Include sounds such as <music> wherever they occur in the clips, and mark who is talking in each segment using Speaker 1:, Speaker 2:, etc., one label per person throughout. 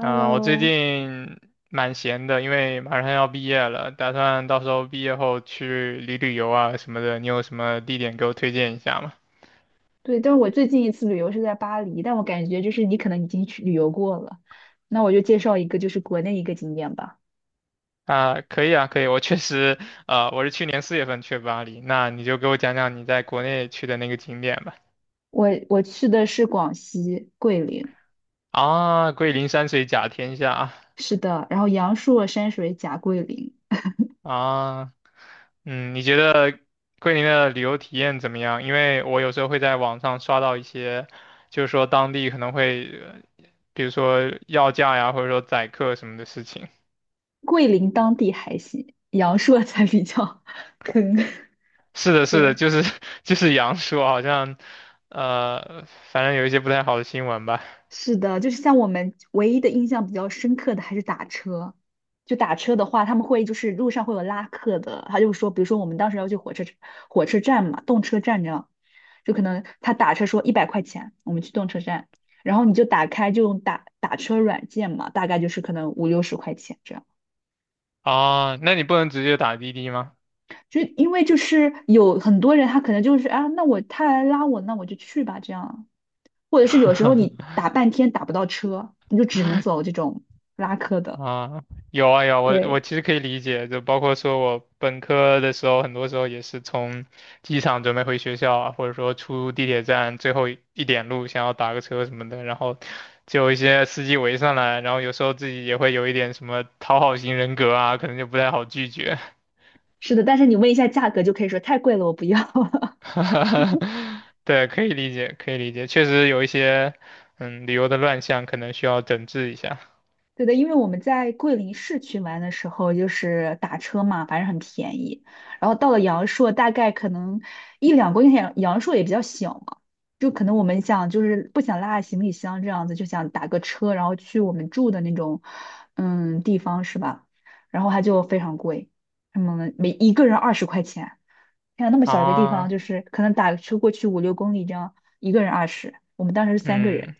Speaker 1: 啊、我最 近蛮闲的，因为马上要毕业了，打算到时候毕业后去旅游啊什么的。你有什么地点给我推荐一下吗？
Speaker 2: 对，但是我最近一次旅游是在巴黎，但我感觉就是你可能已经去旅游过了，那我就介绍一个就是国内一个景点吧。
Speaker 1: 啊、可以啊，可以。我确实，我是去年四月份去巴黎，那你就给我讲讲你在国内去的那个景点吧。
Speaker 2: 我去的是广西桂林，
Speaker 1: 啊，桂林山水甲天下啊，
Speaker 2: 是的，然后阳朔、山水甲桂林，
Speaker 1: 啊嗯，你觉得桂林的旅游体验怎么样？因为我有时候会在网上刷到一些，就是说当地可能会，比如说要价呀，或者说宰客什么的事情。
Speaker 2: 桂林当地还行，阳朔 <laughs> 才比较 <laughs> 坑。
Speaker 1: 是的，
Speaker 2: <laughs>
Speaker 1: 是的，
Speaker 2: 对。
Speaker 1: 就是 <laughs> 就是杨说，好像呃，反正有一些不太好的新闻吧。
Speaker 2: 是的，就是像我们唯一的印象比较深刻的还是打车。就打车的话，他们会就是路上会有拉客的，他就说，比如说我们当时要去火车站嘛，动车站这样，就可能他打车说100块钱，我们去动车站，然后你就打开就用打车软件嘛，大概就是可能五六十块钱这样。
Speaker 1: 啊，那你不能直接打滴滴吗？
Speaker 2: 就因为就是有很多人他可能就是啊，那我他来拉我，那我就去吧这样，或者是有时候你打半天打不到车，你就只能走这种拉客的。
Speaker 1: 啊，有啊有啊我
Speaker 2: 对，
Speaker 1: 其实可以理解，就包括说我本科的时候，很多时候也是从机场准备回学校啊，或者说出地铁站最后一点路，想要打个车什么的，然后就有一些司机围上来，然后有时候自己也会有一点什么讨好型人格啊，可能就不太好拒绝。
Speaker 2: 是的，但是你问一下价格就可以说太贵了，我不要。<laughs>
Speaker 1: <laughs> 对，可以理解，可以理解，确实有一些旅游的乱象，可能需要整治一下。
Speaker 2: 对的，因为我们在桂林市区玩的时候，就是打车嘛，反正很便宜。然后到了阳朔，大概可能一两公里，阳朔也比较小嘛，就可能我们想就是不想拉行李箱这样子，就想打个车，然后去我们住的那种地方是吧？然后它就非常贵，什么每一个人二十块钱。看到那么小一个地方，
Speaker 1: 啊，
Speaker 2: 就是可能打个车过去五六公里这样，一个人二十，我们当时是三个人，
Speaker 1: 嗯。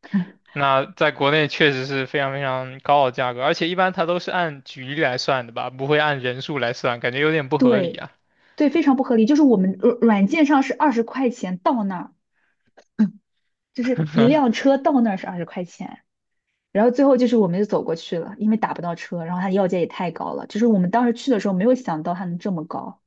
Speaker 2: <laughs>
Speaker 1: 那在国内确实是非常非常高的价格，而且一般它都是按局来算的吧，不会按人数来算，感觉有点不合理
Speaker 2: 对，
Speaker 1: 啊。
Speaker 2: 对，非常不合理。就是我们软件上是二十块钱到那儿，就是一辆
Speaker 1: <laughs>
Speaker 2: 车到那儿是二十块钱，然后最后就是我们就走过去了，因为打不到车，然后他要价也太高了，就是我们当时去的时候没有想到它能这么高。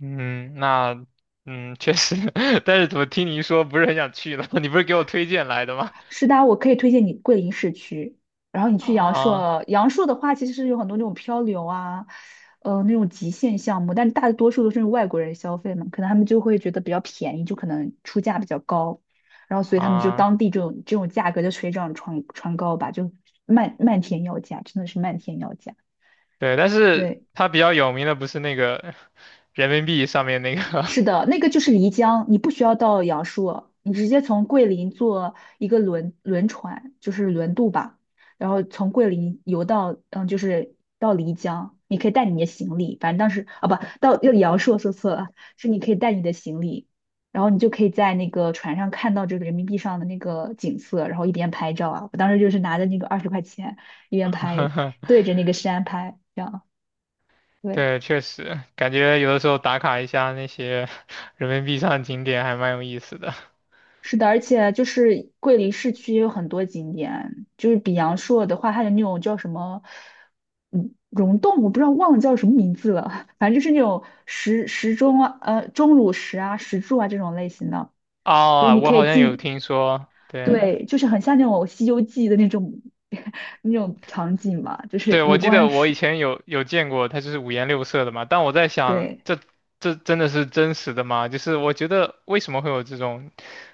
Speaker 1: 嗯，那嗯，确实。<laughs> 但是怎么听你一说不是很想去了？<laughs> 你不是给我推荐来的吗？
Speaker 2: 是的，我可以推荐你桂林市区，然后你
Speaker 1: <laughs>
Speaker 2: 去阳
Speaker 1: 啊
Speaker 2: 朔。阳朔的话，其实有很多那种漂流啊，那种极限项目，但大多数都是外国人消费嘛，可能他们就会觉得比较便宜，就可能出价比较高，然后所以他们就
Speaker 1: 啊，
Speaker 2: 当地这种价格就水涨船高吧，就漫天要价，真的是漫天要价。
Speaker 1: 对，但是
Speaker 2: 对。
Speaker 1: 它比较有名的不是那个人民币上面那个，
Speaker 2: 是的，那个就是漓江，你不需要到阳朔，你直接从桂林坐一个轮船，就是轮渡吧，然后从桂林游到，就是到漓江，你可以带你的行李，反正当时啊不到要阳朔说错了，是你可以带你的行李，然后你就可以在那个船上看到这个人民币上的那个景色，然后一边拍照啊，我当时就是拿着那个二十块钱一边拍，
Speaker 1: <laughs>
Speaker 2: 对着那个山拍，这样，对，
Speaker 1: 对，确实感觉有的时候打卡一下那些人民币上的景点还蛮有意思的。
Speaker 2: 是的，而且就是桂林市区也有很多景点，就是比阳朔的话，它有那种叫什么，溶洞，我不知道忘了叫什么名字了，<laughs> 反正就是那种石钟啊，钟乳石啊、石柱啊这种类型的，就是
Speaker 1: 啊，
Speaker 2: 你
Speaker 1: 我
Speaker 2: 可以
Speaker 1: 好像有
Speaker 2: 进，
Speaker 1: 听说，对。
Speaker 2: 对，就是很像那种《西游记》的那种 <laughs> 那种场景嘛，就是
Speaker 1: 对，
Speaker 2: 五
Speaker 1: 我记
Speaker 2: 官
Speaker 1: 得我以
Speaker 2: 石，
Speaker 1: 前有见过，它就是五颜六色的嘛。但我在想，
Speaker 2: 对，
Speaker 1: 这真的是真实的吗？就是我觉得为什么会有这种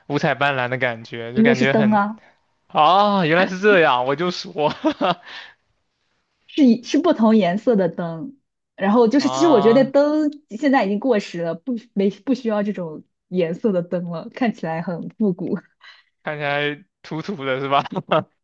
Speaker 1: 五彩斑斓的感觉，就
Speaker 2: 因为
Speaker 1: 感
Speaker 2: 是
Speaker 1: 觉
Speaker 2: 灯
Speaker 1: 很。
Speaker 2: 啊。
Speaker 1: 啊，原来是这样，我就说。
Speaker 2: 是不同颜色的灯，然后就
Speaker 1: <laughs>
Speaker 2: 是其实我觉得
Speaker 1: 啊，
Speaker 2: 灯现在已经过时了，不需要这种颜色的灯了，看起来很复古。<laughs>
Speaker 1: 看起来土土的是吧？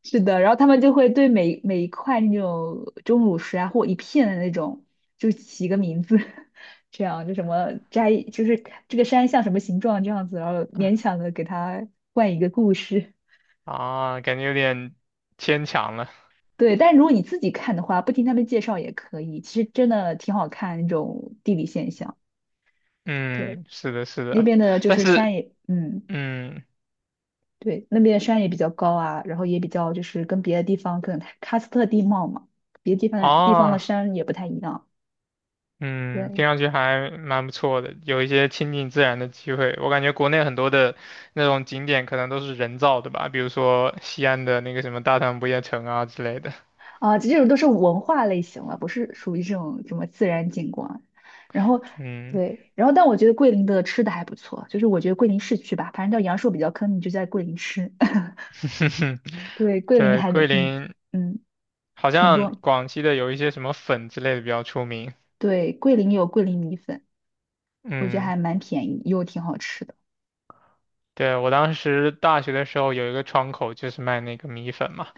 Speaker 2: 是的，然后他们就会对每一块那种钟乳石啊，或一片的那种，就起个名字，<laughs> 这样就什么摘，就是这个山像什么形状这样子，然后勉强的给它换一个故事。
Speaker 1: <laughs> 啊，感觉有点牵强了。
Speaker 2: 对，但如果你自己看的话，不听他们介绍也可以，其实真的挺好看那种地理现象。对。
Speaker 1: 嗯，是的，是
Speaker 2: 那
Speaker 1: 的，
Speaker 2: 边的就
Speaker 1: 但
Speaker 2: 是山
Speaker 1: 是
Speaker 2: 也，
Speaker 1: 嗯
Speaker 2: 对，那边的山也比较高啊，然后也比较就是跟别的地方可能喀斯特地貌嘛，别的地方的
Speaker 1: 啊。
Speaker 2: 山也不太一样。
Speaker 1: 嗯，听
Speaker 2: 对，
Speaker 1: 上去还蛮不错的，有一些亲近自然的机会。我感觉国内很多的那种景点可能都是人造的吧，比如说西安的那个什么大唐不夜城啊之类的。
Speaker 2: 啊，这种都是文化类型了，不是属于这种什么自然景观。然后
Speaker 1: 嗯，
Speaker 2: 对，然后但我觉得桂林的吃的还不错，就是我觉得桂林市区吧，反正叫阳朔比较坑，你就在桂林吃。<laughs>
Speaker 1: <laughs>
Speaker 2: 对，桂林
Speaker 1: 对，
Speaker 2: 还能
Speaker 1: 桂
Speaker 2: 挺
Speaker 1: 林
Speaker 2: 嗯，
Speaker 1: 好
Speaker 2: 挺
Speaker 1: 像
Speaker 2: 多。
Speaker 1: 广西的有一些什么粉之类的比较出名。
Speaker 2: 对，桂林有桂林米粉，我觉得
Speaker 1: 嗯，
Speaker 2: 还蛮便宜，又挺好吃的。
Speaker 1: 对，我当时大学的时候有一个窗口就是卖那个米粉嘛，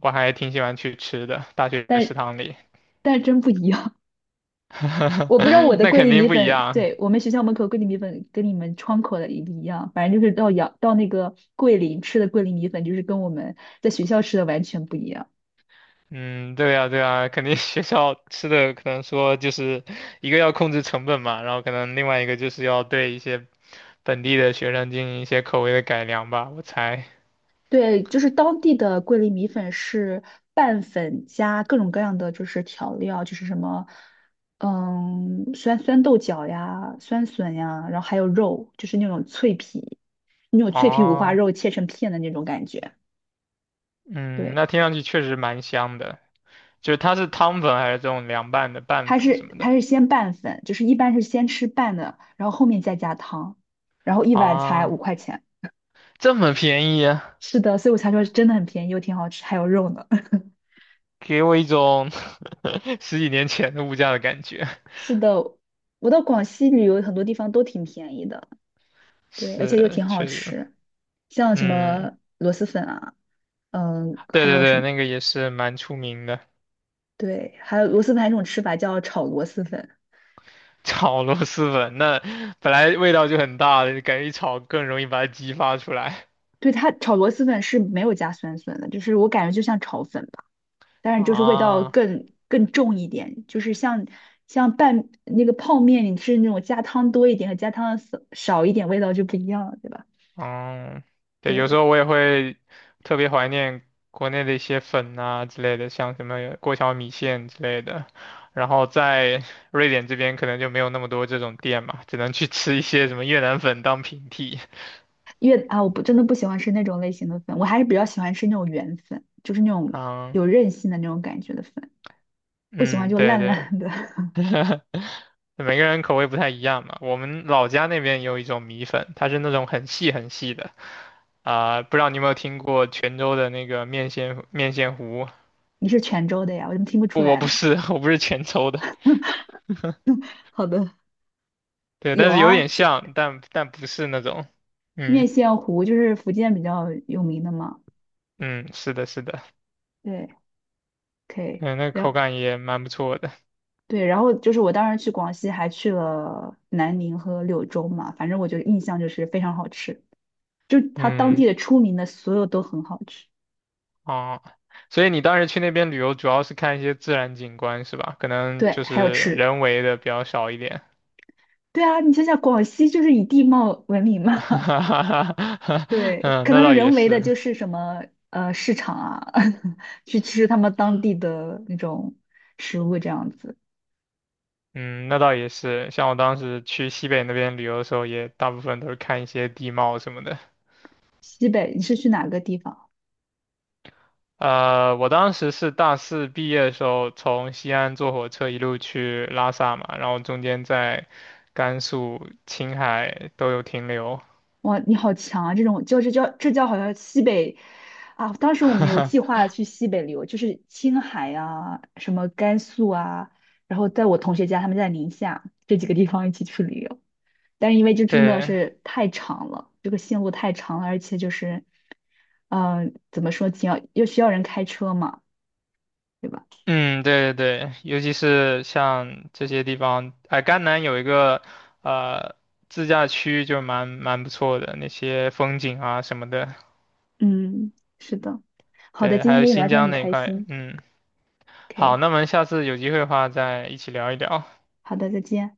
Speaker 1: 我还挺喜欢去吃的，大学食
Speaker 2: 但
Speaker 1: 堂里。
Speaker 2: 但是真不一样。<laughs> 我不知道我
Speaker 1: <laughs>
Speaker 2: 的
Speaker 1: 那
Speaker 2: 桂
Speaker 1: 肯
Speaker 2: 林
Speaker 1: 定
Speaker 2: 米
Speaker 1: 不一
Speaker 2: 粉，
Speaker 1: 样。
Speaker 2: 对，我们学校门口桂林米粉跟你们窗口的一不一样，反正就是到那个桂林吃的桂林米粉，就是跟我们在学校吃的完全不一样。
Speaker 1: 嗯，对呀，对呀，肯定学校吃的可能说就是一个要控制成本嘛，然后可能另外一个就是要对一些本地的学生进行一些口味的改良吧，我猜。
Speaker 2: 对，就是当地的桂林米粉是拌粉加各种各样的就是调料，就是什么，酸豆角呀、酸笋呀，然后还有肉，就是那种脆皮，那种脆皮五花
Speaker 1: 哦，
Speaker 2: 肉切成片的那种感觉。
Speaker 1: 嗯，
Speaker 2: 对。
Speaker 1: 那听上去确实蛮香的，就是它是汤粉还是这种凉拌的拌
Speaker 2: 它
Speaker 1: 粉什
Speaker 2: 是
Speaker 1: 么的？
Speaker 2: 它是先拌粉，就是一般是先吃拌的，然后后面再加汤，然后一碗才
Speaker 1: 啊？
Speaker 2: 5块钱。
Speaker 1: 这么便宜啊，
Speaker 2: 是的，所以我才说真的很便宜又挺好吃，还有肉呢。<laughs>
Speaker 1: 给我一种 <laughs> 十几年前的物价的感觉。
Speaker 2: 是的，我到广西旅游很多地方都挺便宜的，对，而且又
Speaker 1: 是，
Speaker 2: 挺好
Speaker 1: 确实，
Speaker 2: 吃，像什
Speaker 1: 嗯，
Speaker 2: 么螺蛳粉啊，
Speaker 1: 对
Speaker 2: 还
Speaker 1: 对
Speaker 2: 有什
Speaker 1: 对，
Speaker 2: 么，
Speaker 1: 那个也是蛮出名的。
Speaker 2: 对，还有螺蛳粉还有一种吃法叫炒螺蛳粉，
Speaker 1: 炒螺蛳粉，那本来味道就很大的，感觉一炒更容易把它激发出来。
Speaker 2: 对，它炒螺蛳粉是没有加酸笋的，就是我感觉就像炒粉，吧。当然就是味道
Speaker 1: 啊，
Speaker 2: 更重一点，就是像拌那个泡面，你是那种加汤多一点和加汤少一点，味道就不一样了，对吧？
Speaker 1: 嗯，对，有时
Speaker 2: 对，
Speaker 1: 候我也会特别怀念国内的一些粉啊之类的，像什么过桥米线之类的。然后在 <laughs> 瑞典这边可能就没有那么多这种店嘛，只能去吃一些什么越南粉当平替。
Speaker 2: 因为啊，我不真的不喜欢吃那种类型的粉，我还是比较喜欢吃那种圆粉，就是那种
Speaker 1: 啊，
Speaker 2: 有韧性的那种感觉的粉，不喜欢
Speaker 1: 嗯，
Speaker 2: 就
Speaker 1: 对
Speaker 2: 烂
Speaker 1: 对。
Speaker 2: 烂的。<laughs>
Speaker 1: 每个人口味不太一样嘛。我们老家那边有一种米粉，它是那种很细很细的，啊、不知道你有没有听过泉州的那个面线糊？
Speaker 2: 你是泉州的呀，我怎么听不出
Speaker 1: 不，我
Speaker 2: 来
Speaker 1: 不
Speaker 2: 呢？
Speaker 1: 是，<laughs> 我不是泉州的，
Speaker 2: 好的，
Speaker 1: 对，但
Speaker 2: 有
Speaker 1: 是有
Speaker 2: 啊，
Speaker 1: 点
Speaker 2: 这
Speaker 1: 像，但但不是那种，嗯
Speaker 2: 糊就是福建比较有名的嘛，
Speaker 1: 嗯，是的，是的，
Speaker 2: 对，可以。
Speaker 1: 嗯，那
Speaker 2: 然
Speaker 1: 口
Speaker 2: 后。
Speaker 1: 感也蛮不错的，
Speaker 2: 对，然后就是我当时去广西，还去了南宁和柳州嘛，反正我就印象就是非常好吃，就它当
Speaker 1: 嗯。
Speaker 2: 地的出名的所有都很好吃。
Speaker 1: 哦，所以你当时去那边旅游，主要是看一些自然景观是吧？可能
Speaker 2: 对，
Speaker 1: 就
Speaker 2: 还有
Speaker 1: 是
Speaker 2: 吃。
Speaker 1: 人为的比较少一点。
Speaker 2: 对啊，你想想，广西就是以地貌闻名
Speaker 1: <laughs>
Speaker 2: 嘛，
Speaker 1: 哈哈哈。
Speaker 2: <laughs> 对，
Speaker 1: 嗯，
Speaker 2: 可
Speaker 1: 那
Speaker 2: 能是
Speaker 1: 倒也
Speaker 2: 人为的，
Speaker 1: 是。
Speaker 2: 就是什么市场啊，<laughs> 去吃他们当地的那种食物这样子。
Speaker 1: 嗯，那倒也是。像我当时去西北那边旅游的时候，也大部分都是看一些地貌什么的。
Speaker 2: 西北，你是去哪个地方？
Speaker 1: 我当时是大四毕业的时候，从西安坐火车一路去拉萨嘛，然后中间在甘肃、青海都有停留。
Speaker 2: 哇，你好强啊！这种就是叫好像西北啊，当时我们有计
Speaker 1: <laughs>
Speaker 2: 划去西北旅游，就是青海啊，什么甘肃啊，然后在我同学家，他们在宁夏这几个地方一起去旅游，但是因为这真的
Speaker 1: 对，
Speaker 2: 是太长了，这个线路太长了，而且就是，怎么说，挺要又需要人开车嘛，对吧？
Speaker 1: 嗯，对对对，尤其是像这些地方，哎，甘南有一个呃自驾区，就蛮不错的，那些风景啊什么的。
Speaker 2: 嗯，是的。好的，
Speaker 1: 对，
Speaker 2: 今
Speaker 1: 还
Speaker 2: 天
Speaker 1: 有
Speaker 2: 跟你聊
Speaker 1: 新
Speaker 2: 天
Speaker 1: 疆
Speaker 2: 很
Speaker 1: 那一
Speaker 2: 开
Speaker 1: 块，
Speaker 2: 心。
Speaker 1: 嗯。好，
Speaker 2: OK，
Speaker 1: 那么下次有机会的话再一起聊一聊。
Speaker 2: 好的，再见。